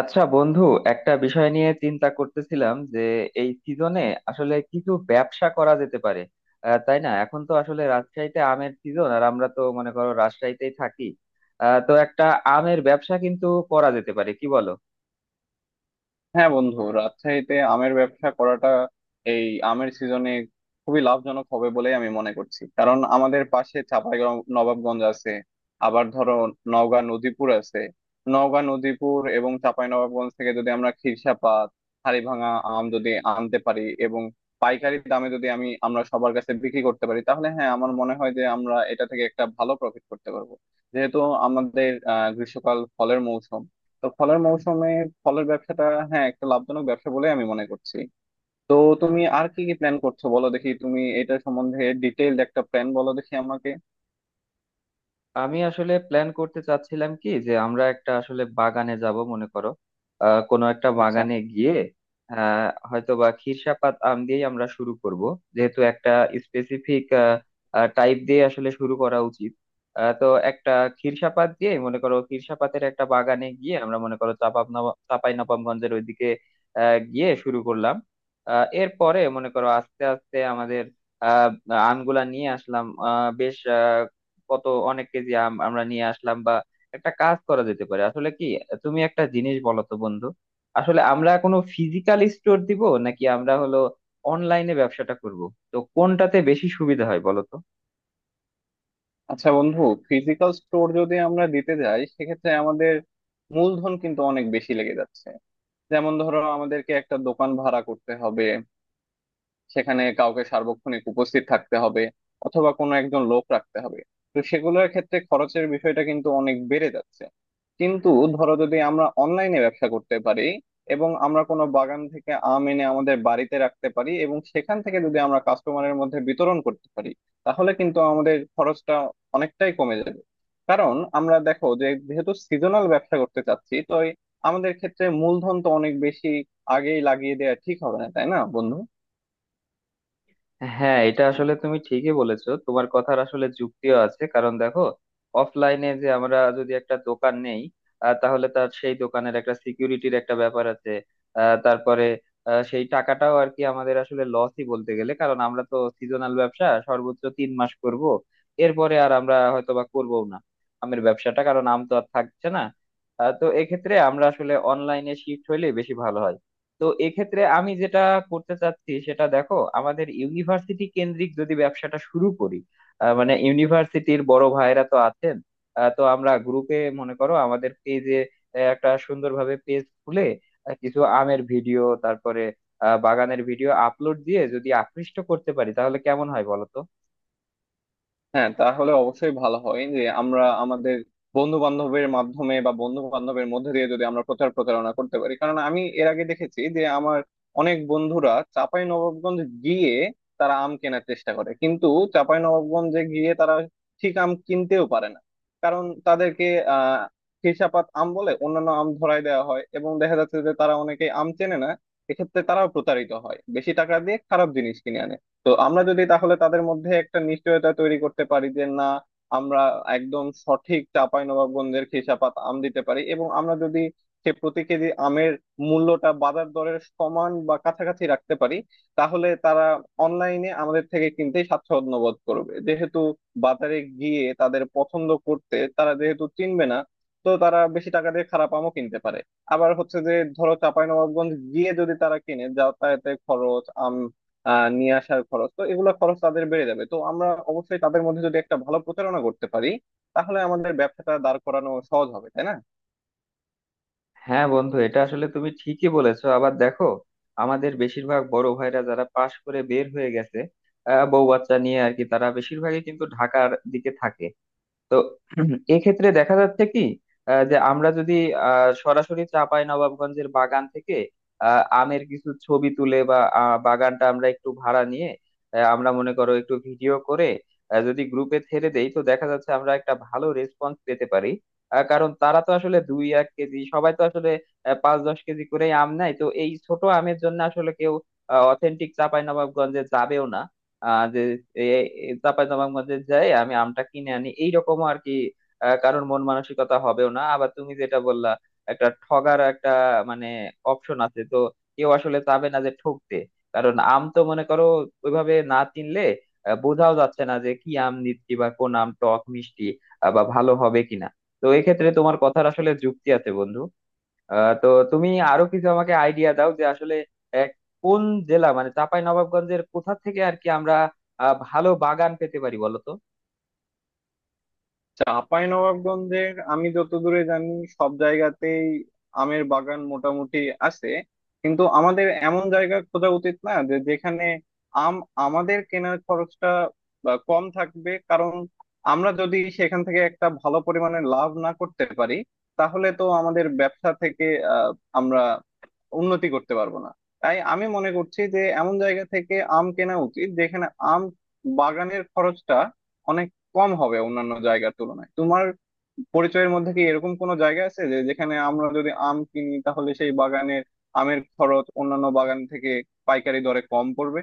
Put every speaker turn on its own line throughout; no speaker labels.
আচ্ছা বন্ধু, একটা বিষয় নিয়ে চিন্তা করতেছিলাম যে এই সিজনে আসলে কিছু ব্যবসা করা যেতে পারে। তাই না? এখন তো আসলে রাজশাহীতে আমের সিজন, আর আমরা তো মনে করো রাজশাহীতেই থাকি। তো একটা আমের ব্যবসা কিন্তু করা যেতে পারে, কি বলো?
হ্যাঁ বন্ধু, রাজশাহীতে আমের ব্যবসা করাটা এই আমের সিজনে খুবই লাভজনক হবে বলেই আমি মনে করছি। কারণ আমাদের পাশে চাঁপাই নবাবগঞ্জ আছে। আবার ধরো, নওগাঁ নদীপুর আছে। নওগাঁ নদীপুর এবং চাঁপাই নবাবগঞ্জ থেকে যদি আমরা খিরসাপাত হাড়িভাঙা আম যদি আনতে পারি এবং পাইকারি দামে যদি আমরা সবার কাছে বিক্রি করতে পারি, তাহলে হ্যাঁ আমার মনে হয় যে আমরা এটা থেকে একটা ভালো প্রফিট করতে পারবো। যেহেতু আমাদের গ্রীষ্মকাল ফলের মৌসুম, তো ফলের মৌসুমে ফলের ব্যবসাটা হ্যাঁ একটা লাভজনক ব্যবসা বলে আমি মনে করছি। তো তুমি আর কি কি প্ল্যান করছো বলো দেখি, তুমি এটা সম্বন্ধে ডিটেইলড একটা প্ল্যান বলো দেখি আমাকে।
আমি আসলে প্ল্যান করতে চাচ্ছিলাম কি, যে আমরা একটা আসলে বাগানে যাব, মনে করো কোনো একটা
আচ্ছা।
বাগানে গিয়ে হয়তো বা খিরসাপাত আম দিয়ে আমরা শুরু করব। যেহেতু একটা স্পেসিফিক টাইপ দিয়ে আসলে শুরু করা উচিত। তো একটা খিরসাপাত দিয়ে, মনে করো খিরসাপাতের একটা বাগানে গিয়ে আমরা, মনে করো চাপাই নবাবগঞ্জের ওইদিকে গিয়ে শুরু করলাম। এরপরে, মনে করো আস্তে আস্তে আমাদের আহ আমগুলা নিয়ে আসলাম। আহ বেশ কত অনেক কেজি আম আমরা নিয়ে আসলাম। বা একটা কাজ করা যেতে পারে, আসলে কি, তুমি একটা জিনিস বলো তো বন্ধু। আসলে আমরা কোনো ফিজিক্যাল স্টোর দিব, নাকি আমরা হলো অনলাইনে ব্যবসাটা করব? তো কোনটাতে বেশি সুবিধা হয় বলো তো?
আচ্ছা বন্ধু, ফিজিক্যাল স্টোর যদি আমরা দিতে যাই সেক্ষেত্রে আমাদের মূলধন কিন্তু অনেক বেশি লেগে যাচ্ছে। যেমন ধরো, আমাদেরকে একটা দোকান ভাড়া করতে হবে, সেখানে কাউকে সার্বক্ষণিক উপস্থিত থাকতে হবে অথবা কোনো একজন লোক রাখতে হবে। তো সেগুলোর ক্ষেত্রে খরচের বিষয়টা কিন্তু অনেক বেড়ে যাচ্ছে। কিন্তু ধরো, যদি আমরা অনলাইনে ব্যবসা করতে পারি এবং আমরা কোনো বাগান থেকে আম এনে আমাদের বাড়িতে রাখতে পারি এবং সেখান থেকে যদি আমরা কাস্টমারের মধ্যে বিতরণ করতে পারি, তাহলে কিন্তু আমাদের খরচটা অনেকটাই কমে যাবে। কারণ আমরা দেখো যে, যেহেতু সিজনাল ব্যবসা করতে চাচ্ছি, তো এই আমাদের ক্ষেত্রে মূলধন তো অনেক বেশি আগেই লাগিয়ে দেওয়া ঠিক হবে না, তাই না বন্ধু?
হ্যাঁ, এটা আসলে তুমি ঠিকই বলেছো, তোমার কথার আসলে যুক্তিও আছে। কারণ দেখো, অফলাইনে যে আমরা যদি একটা দোকান নেই, তাহলে তার সেই দোকানের একটা সিকিউরিটির একটা ব্যাপার আছে। তারপরে সেই টাকাটাও আর কি আমাদের আসলে লসই বলতে গেলে। কারণ আমরা তো সিজনাল ব্যবসা সর্বোচ্চ 3 মাস করব, এরপরে আর আমরা হয়তো বা করবো না আমের ব্যবসাটা, কারণ আম তো আর থাকছে না। তো এক্ষেত্রে আমরা আসলে অনলাইনে শিফট হইলে বেশি ভালো হয়। তো এক্ষেত্রে আমি যেটা করতে চাচ্ছি, সেটা দেখো, আমাদের ইউনিভার্সিটি কেন্দ্রিক যদি ব্যবসাটা শুরু করি, মানে ইউনিভার্সিটির বড় ভাইরা তো আছেন। তো আমরা গ্রুপে, মনে করো আমাদের পেজে একটা সুন্দরভাবে পেজ খুলে কিছু আমের ভিডিও, তারপরে বাগানের ভিডিও আপলোড দিয়ে যদি আকৃষ্ট করতে পারি, তাহলে কেমন হয় বলো তো?
হ্যাঁ, তাহলে অবশ্যই ভালো হয় যে আমরা আমাদের বন্ধু বান্ধবের মাধ্যমে বা বন্ধু বান্ধবের মধ্যে দিয়ে যদি আমরা প্রচার প্রচারণা করতে পারি। কারণ আমি এর আগে দেখেছি যে আমার অনেক বন্ধুরা চাঁপাই নবাবগঞ্জ গিয়ে তারা আম কেনার চেষ্টা করে, কিন্তু চাঁপাই নবাবগঞ্জে গিয়ে তারা ঠিক আম কিনতেও পারে না। কারণ তাদেরকে আহ খেসাপাত আম বলে অন্যান্য আম ধরায় দেওয়া হয় এবং দেখা যাচ্ছে যে তারা অনেকে আম চেনে না। এক্ষেত্রে তারাও প্রতারিত হয়, বেশি টাকা দিয়ে খারাপ জিনিস কিনে আনে। তো আমরা যদি তাহলে তাদের মধ্যে একটা নিশ্চয়তা তৈরি করতে পারি যে না, আমরা একদম সঠিক চাঁপাইনবাবগঞ্জের খেসাপাত আম দিতে পারি এবং আমরা যদি সে প্রতি কেজি আমের মূল্যটা বাজার দরের সমান বা কাছাকাছি রাখতে পারি, তাহলে তারা অনলাইনে আমাদের থেকে কিনতে স্বাচ্ছন্দ্য বোধ করবে। যেহেতু বাজারে গিয়ে তাদের পছন্দ করতে তারা যেহেতু চিনবে না, তো তারা বেশি টাকা দিয়ে খারাপ আমও কিনতে পারে। আবার হচ্ছে যে, ধরো, চাঁপাইনবাবগঞ্জ গিয়ে যদি তারা কিনে, যাতায়াতের খরচ, নিয়ে আসার খরচ, তো এগুলো খরচ তাদের বেড়ে যাবে। তো আমরা অবশ্যই তাদের মধ্যে যদি একটা ভালো প্রচারণা করতে পারি তাহলে আমাদের ব্যবসাটা দাঁড় করানো সহজ হবে, তাই না?
হ্যাঁ বন্ধু, এটা আসলে তুমি ঠিকই বলেছো। আবার দেখো, আমাদের বেশিরভাগ বড় ভাইরা যারা পাশ করে বের হয়ে গেছে বউ বাচ্চা নিয়ে আর কি, তারা বেশিরভাগই কিন্তু ঢাকার দিকে থাকে। তো এক্ষেত্রে দেখা যাচ্ছে কি, যে আমরা যদি সরাসরি নবাবগঞ্জের বাগান থেকে আমের কিছু ছবি তুলে, বা বাগানটা আমরা একটু ভাড়া নিয়ে আমরা মনে করো একটু ভিডিও করে যদি গ্রুপে ছেড়ে দেই, তো দেখা যাচ্ছে আমরা একটা ভালো রেসপন্স পেতে পারি। কারণ তারা তো আসলে 2-1 কেজি, সবাই তো আসলে 5-10 কেজি করেই আম নেয়। তো এই ছোট আমের জন্য আসলে কেউ অথেন্টিক চাঁপাই নবাবগঞ্জে যাবেও না। যে চাঁপাইনবাবগঞ্জে যাই, আমি আমটা কিনে আনি, এইরকম আর কি কারোর মন মানসিকতা হবেও না। আবার তুমি যেটা বললা, একটা ঠগার একটা মানে অপশন আছে তো, কেউ আসলে চাবে না যে ঠকতে। কারণ আম তো মনে করো ওইভাবে না চিনলে বোঝাও যাচ্ছে না যে কি আম নিচ্ছি, বা কোন আম টক মিষ্টি বা ভালো হবে কিনা। তো এক্ষেত্রে তোমার কথার আসলে যুক্তি আছে বন্ধু। তো তুমি আরো কিছু আমাকে আইডিয়া দাও, যে আসলে আহ, কোন জেলা, মানে চাঁপাই নবাবগঞ্জের কোথা থেকে আর কি আমরা ভালো বাগান পেতে পারি বলো তো?
চাঁপাইনবাবগঞ্জের আমি যতদূরে জানি সব জায়গাতেই আমের বাগান মোটামুটি আছে। কিন্তু আমাদের এমন জায়গা খোঁজা উচিত না যে যেখানে আম আমাদের কেনার খরচটা বা কম থাকবে। কারণ আমরা যদি সেখান থেকে একটা ভালো পরিমাণে লাভ না করতে পারি, তাহলে তো আমাদের ব্যবসা থেকে আহ, আমরা উন্নতি করতে পারবো না। তাই আমি মনে করছি যে এমন জায়গা থেকে আম কেনা উচিত যেখানে আম বাগানের খরচটা অনেক কম হবে অন্যান্য জায়গার তুলনায়। তোমার পরিচয়ের মধ্যে কি এরকম কোনো জায়গা আছে যে যেখানে আমরা যদি আম কিনি তাহলে সেই বাগানের আমের খরচ অন্যান্য বাগান থেকে পাইকারি দরে কম পড়বে?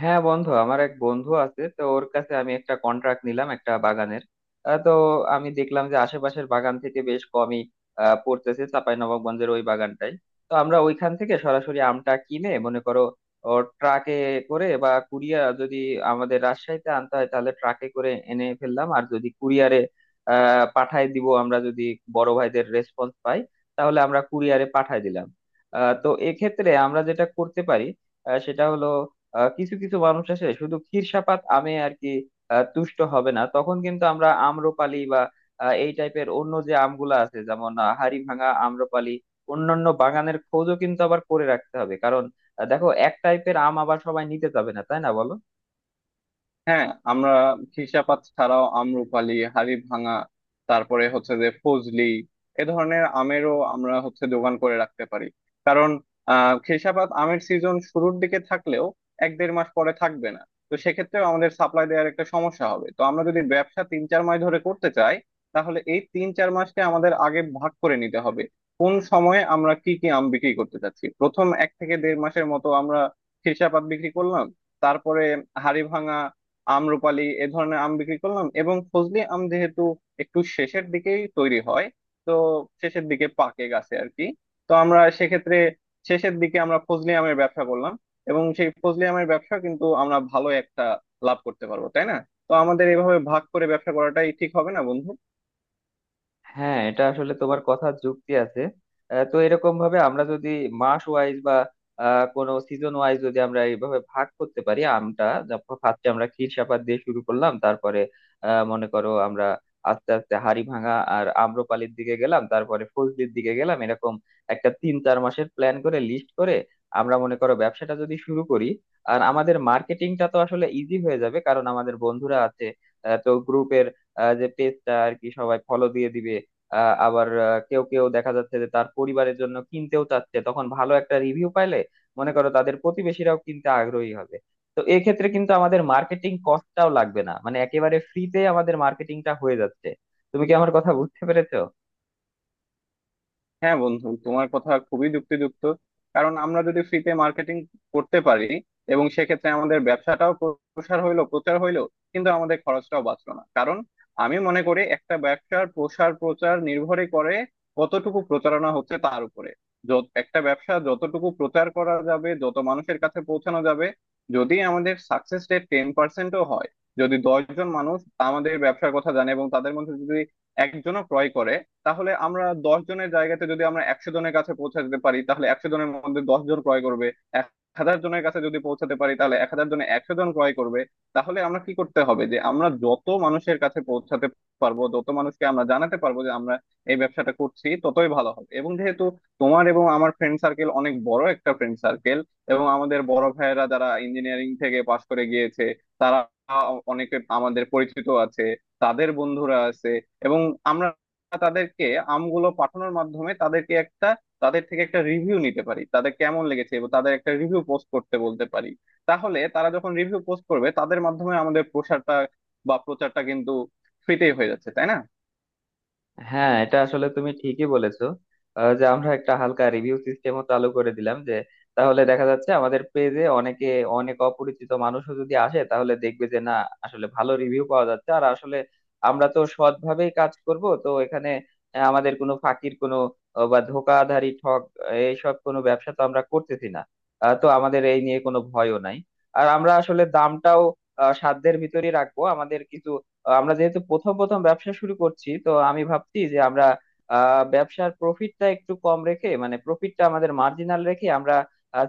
হ্যাঁ বন্ধু, আমার এক বন্ধু আছে তো, ওর কাছে আমি একটা কন্ট্রাক্ট নিলাম একটা বাগানের। তো আমি দেখলাম যে আশেপাশের বাগান থেকে বেশ কমই পড়তেছে চাঁপাইনবাবগঞ্জের ওই বাগানটাই। তো আমরা ওইখান থেকে সরাসরি আমটা কিনে, মনে করো ও ট্রাকে করে বা কুরিয়া, যদি আমাদের রাজশাহীতে আনতে হয় তাহলে ট্রাকে করে এনে ফেললাম। আর যদি কুরিয়ারে পাঠায় দিব, আমরা যদি বড় ভাইদের রেসপন্স পাই, তাহলে আমরা কুরিয়ারে পাঠায় দিলাম। তো এক্ষেত্রে আমরা যেটা করতে পারি সেটা হলো কিছু কিছু মানুষ আছে শুধু ক্ষীরসাপাত আমে আর কি তুষ্ট হবে না, তখন কিন্তু আমরা আম্রপালি বা এই টাইপের অন্য যে আমগুলা আছে, যেমন হাড়িভাঙা, আম্রপালি, অন্যান্য বাগানের খোঁজও কিন্তু আবার করে রাখতে হবে। কারণ দেখো, এক টাইপের আম আবার সবাই নিতে যাবে না, তাই না বলো?
হ্যাঁ, আমরা খিসাপাত ছাড়াও আম্রপালি, হাড়ি ভাঙা, তারপরে হচ্ছে যে ফজলি, এ ধরনের আমেরও আমরা হচ্ছে দোকান করে রাখতে পারি। কারণ খিসাপাত আমের সিজন শুরুর দিকে থাকলেও এক দেড় মাস পরে থাকবে না। তো সেক্ষেত্রেও আমাদের সাপ্লাই দেওয়ার একটা সমস্যা হবে। তো আমরা যদি ব্যবসা তিন চার মাস ধরে করতে চাই, তাহলে এই তিন চার মাসকে আমাদের আগে ভাগ করে নিতে হবে। কোন সময়ে আমরা কি কি আম বিক্রি করতে চাচ্ছি, প্রথম এক থেকে দেড় মাসের মতো আমরা খিসাপাত বিক্রি করলাম, তারপরে হাড়ি ভাঙা, আম রুপালি এ ধরনের আম বিক্রি করলাম, এবং ফজলি আম যেহেতু একটু শেষের দিকেই তৈরি হয়, তো শেষের দিকে পাকে গাছে আর কি। তো আমরা সেক্ষেত্রে শেষের দিকে আমরা ফজলি আমের ব্যবসা করলাম, এবং সেই ফজলি আমের ব্যবসা কিন্তু আমরা ভালো একটা লাভ করতে পারবো, তাই না? তো আমাদের এভাবে ভাগ করে ব্যবসা করাটাই ঠিক হবে না বন্ধু?
হ্যাঁ, এটা আসলে তোমার কথা যুক্তি আছে। তো এরকম ভাবে আমরা যদি মাস ওয়াইজ, বা কোনো সিজন ওয়াইজ যদি আমরা এইভাবে ভাগ করতে পারি আমটা, ফার্স্টে আমরা ক্ষীর সাপাত দিয়ে শুরু করলাম, তারপরে মনে করো আমরা আস্তে আস্তে হাড়ি ভাঙা আর আম্রপালির দিকে গেলাম, তারপরে ফজলির দিকে গেলাম, এরকম একটা 3-4 মাসের প্ল্যান করে, লিস্ট করে আমরা মনে করো ব্যবসাটা যদি শুরু করি। আর আমাদের মার্কেটিংটা তো আসলে ইজি হয়ে যাবে, কারণ আমাদের বন্ধুরা আছে। তো গ্রুপের যে পেজটা আর কি, সবাই ফলো দিয়ে দিবে। কেউ কেউ দেখা যাচ্ছে যে তার পরিবারের জন্য কিনতেও চাচ্ছে, তখন ভালো একটা রিভিউ পাইলে, মনে করো তাদের প্রতিবেশীরাও কিনতে আগ্রহী হবে। তো এক্ষেত্রে কিন্তু আমাদের মার্কেটিং কস্টটাও লাগবে না, মানে একেবারে ফ্রিতে আমাদের মার্কেটিংটা হয়ে যাচ্ছে। তুমি কি আমার কথা বুঝতে পেরেছো?
হ্যাঁ বন্ধু, তোমার কথা খুবই যুক্তিযুক্ত। কারণ আমরা যদি ফ্রিতে মার্কেটিং করতে পারি এবং সেক্ষেত্রে আমাদের ব্যবসাটাও প্রসার হইলো, প্রচার হইলো, কিন্তু আমাদের খরচটাও বাঁচলো না। কারণ আমি মনে করি একটা ব্যবসার প্রসার প্রচার নির্ভরই করে কতটুকু প্রচারণা হচ্ছে তার উপরে। যত একটা ব্যবসা যতটুকু প্রচার করা যাবে, যত মানুষের কাছে পৌঁছানো যাবে, যদি আমাদের সাকসেস রেট 10%ও হয়, যদি 10 জন মানুষ আমাদের ব্যবসার কথা জানে এবং তাদের মধ্যে যদি একজনও ক্রয় করে, তাহলে আমরা 10 জনের জায়গাতে যদি আমরা 100 জনের কাছে পৌঁছে যেতে পারি, তাহলে 100 জনের মধ্যে 10 জন ক্রয় করবে। 1,000 জনের কাছে যদি পৌঁছাতে পারি তাহলে 1,000 জনে 100 জন ক্রয় করবে। তাহলে আমরা কি করতে হবে যে আমরা যত মানুষের কাছে পৌঁছাতে পারবো, যত মানুষকে আমরা জানাতে পারবো যে আমরা এই ব্যবসাটা করছি, ততই ভালো হবে। এবং যেহেতু তোমার এবং আমার ফ্রেন্ড সার্কেল অনেক বড় একটা ফ্রেন্ড সার্কেল, এবং আমাদের বড় ভাইয়েরা যারা ইঞ্জিনিয়ারিং থেকে পাশ করে গিয়েছে, তারা অনেকে আমাদের পরিচিত আছে, তাদের বন্ধুরা আছে। এবং আমরা তাদেরকে আমগুলো পাঠানোর মাধ্যমে তাদেরকে একটা, তাদের থেকে একটা রিভিউ নিতে পারি, তাদের কেমন লেগেছে, এবং তাদের একটা রিভিউ পোস্ট করতে বলতে পারি। তাহলে তারা যখন রিভিউ পোস্ট করবে, তাদের মাধ্যমে আমাদের প্রসারটা বা প্রচারটা কিন্তু ফ্রিতেই হয়ে যাচ্ছে, তাই না?
হ্যাঁ, এটা আসলে তুমি ঠিকই বলেছো। যে আমরা একটা হালকা রিভিউ সিস্টেমও চালু করে দিলাম, যে তাহলে দেখা যাচ্ছে আমাদের পেজে অনেকে, অনেক অপরিচিত মানুষও যদি আসে, তাহলে দেখবে যে না, আসলে ভালো রিভিউ পাওয়া যাচ্ছে। আর আসলে আমরা তো সৎভাবেই কাজ করব, তো এখানে আমাদের কোনো ফাঁকির কোনো বা ধোকাধারী ঠক এইসব কোনো ব্যবসা তো আমরা করতেছি না। তো আমাদের এই নিয়ে কোনো ভয়ও নাই। আর আমরা আসলে দামটাও সাধ্যের ভিতরেই রাখবো। আমাদের কিছু আমরা যেহেতু প্রথম প্রথম ব্যবসা শুরু করছি, তো আমি ভাবছি যে আমরা ব্যবসার প্রফিটটা একটু কম রেখে, মানে প্রফিটটা আমাদের মার্জিনাল রেখে আমরা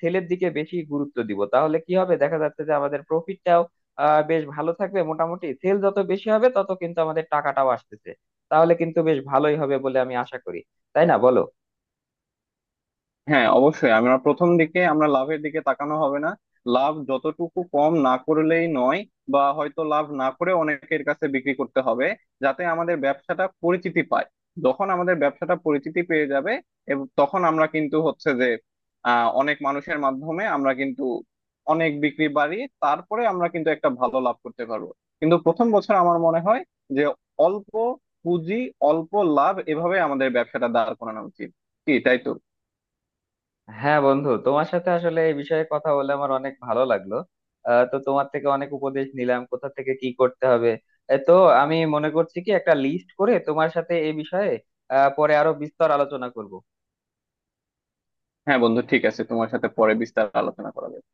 সেলের দিকে বেশি গুরুত্ব দিব। তাহলে কি হবে, দেখা যাচ্ছে যে আমাদের প্রফিটটাও বেশ ভালো থাকবে। মোটামুটি সেল যত বেশি হবে, তত কিন্তু আমাদের টাকাটাও আসতেছে, তাহলে কিন্তু বেশ ভালোই হবে বলে আমি আশা করি। তাই না বলো?
হ্যাঁ অবশ্যই, আমরা প্রথম দিকে আমরা লাভের দিকে তাকানো হবে না। লাভ যতটুকু কম না করলেই নয়, বা হয়তো লাভ না করে অনেকের কাছে বিক্রি করতে হবে, যাতে আমাদের ব্যবসাটা পরিচিতি পায়। যখন আমাদের ব্যবসাটা পরিচিতি পেয়ে যাবে, এবং তখন আমরা কিন্তু হচ্ছে যে অনেক মানুষের মাধ্যমে আমরা কিন্তু অনেক বিক্রি বাড়িয়ে তারপরে আমরা কিন্তু একটা ভালো লাভ করতে পারবো। কিন্তু প্রথম বছর আমার মনে হয় যে অল্প পুঁজি, অল্প লাভ, এভাবে আমাদের ব্যবসাটা দাঁড় করানো উচিত। কি তাই তো?
হ্যাঁ বন্ধু, তোমার সাথে আসলে এই বিষয়ে কথা বলে আমার অনেক ভালো লাগলো। তো তোমার থেকে অনেক উপদেশ নিলাম, কোথা থেকে কি করতে হবে, এ তো আমি মনে করছি কি একটা লিস্ট করে তোমার সাথে এই বিষয়ে পরে আরো বিস্তর আলোচনা করব।
হ্যাঁ বন্ধু ঠিক আছে, তোমার সাথে পরে বিস্তার আলোচনা করা যাবে।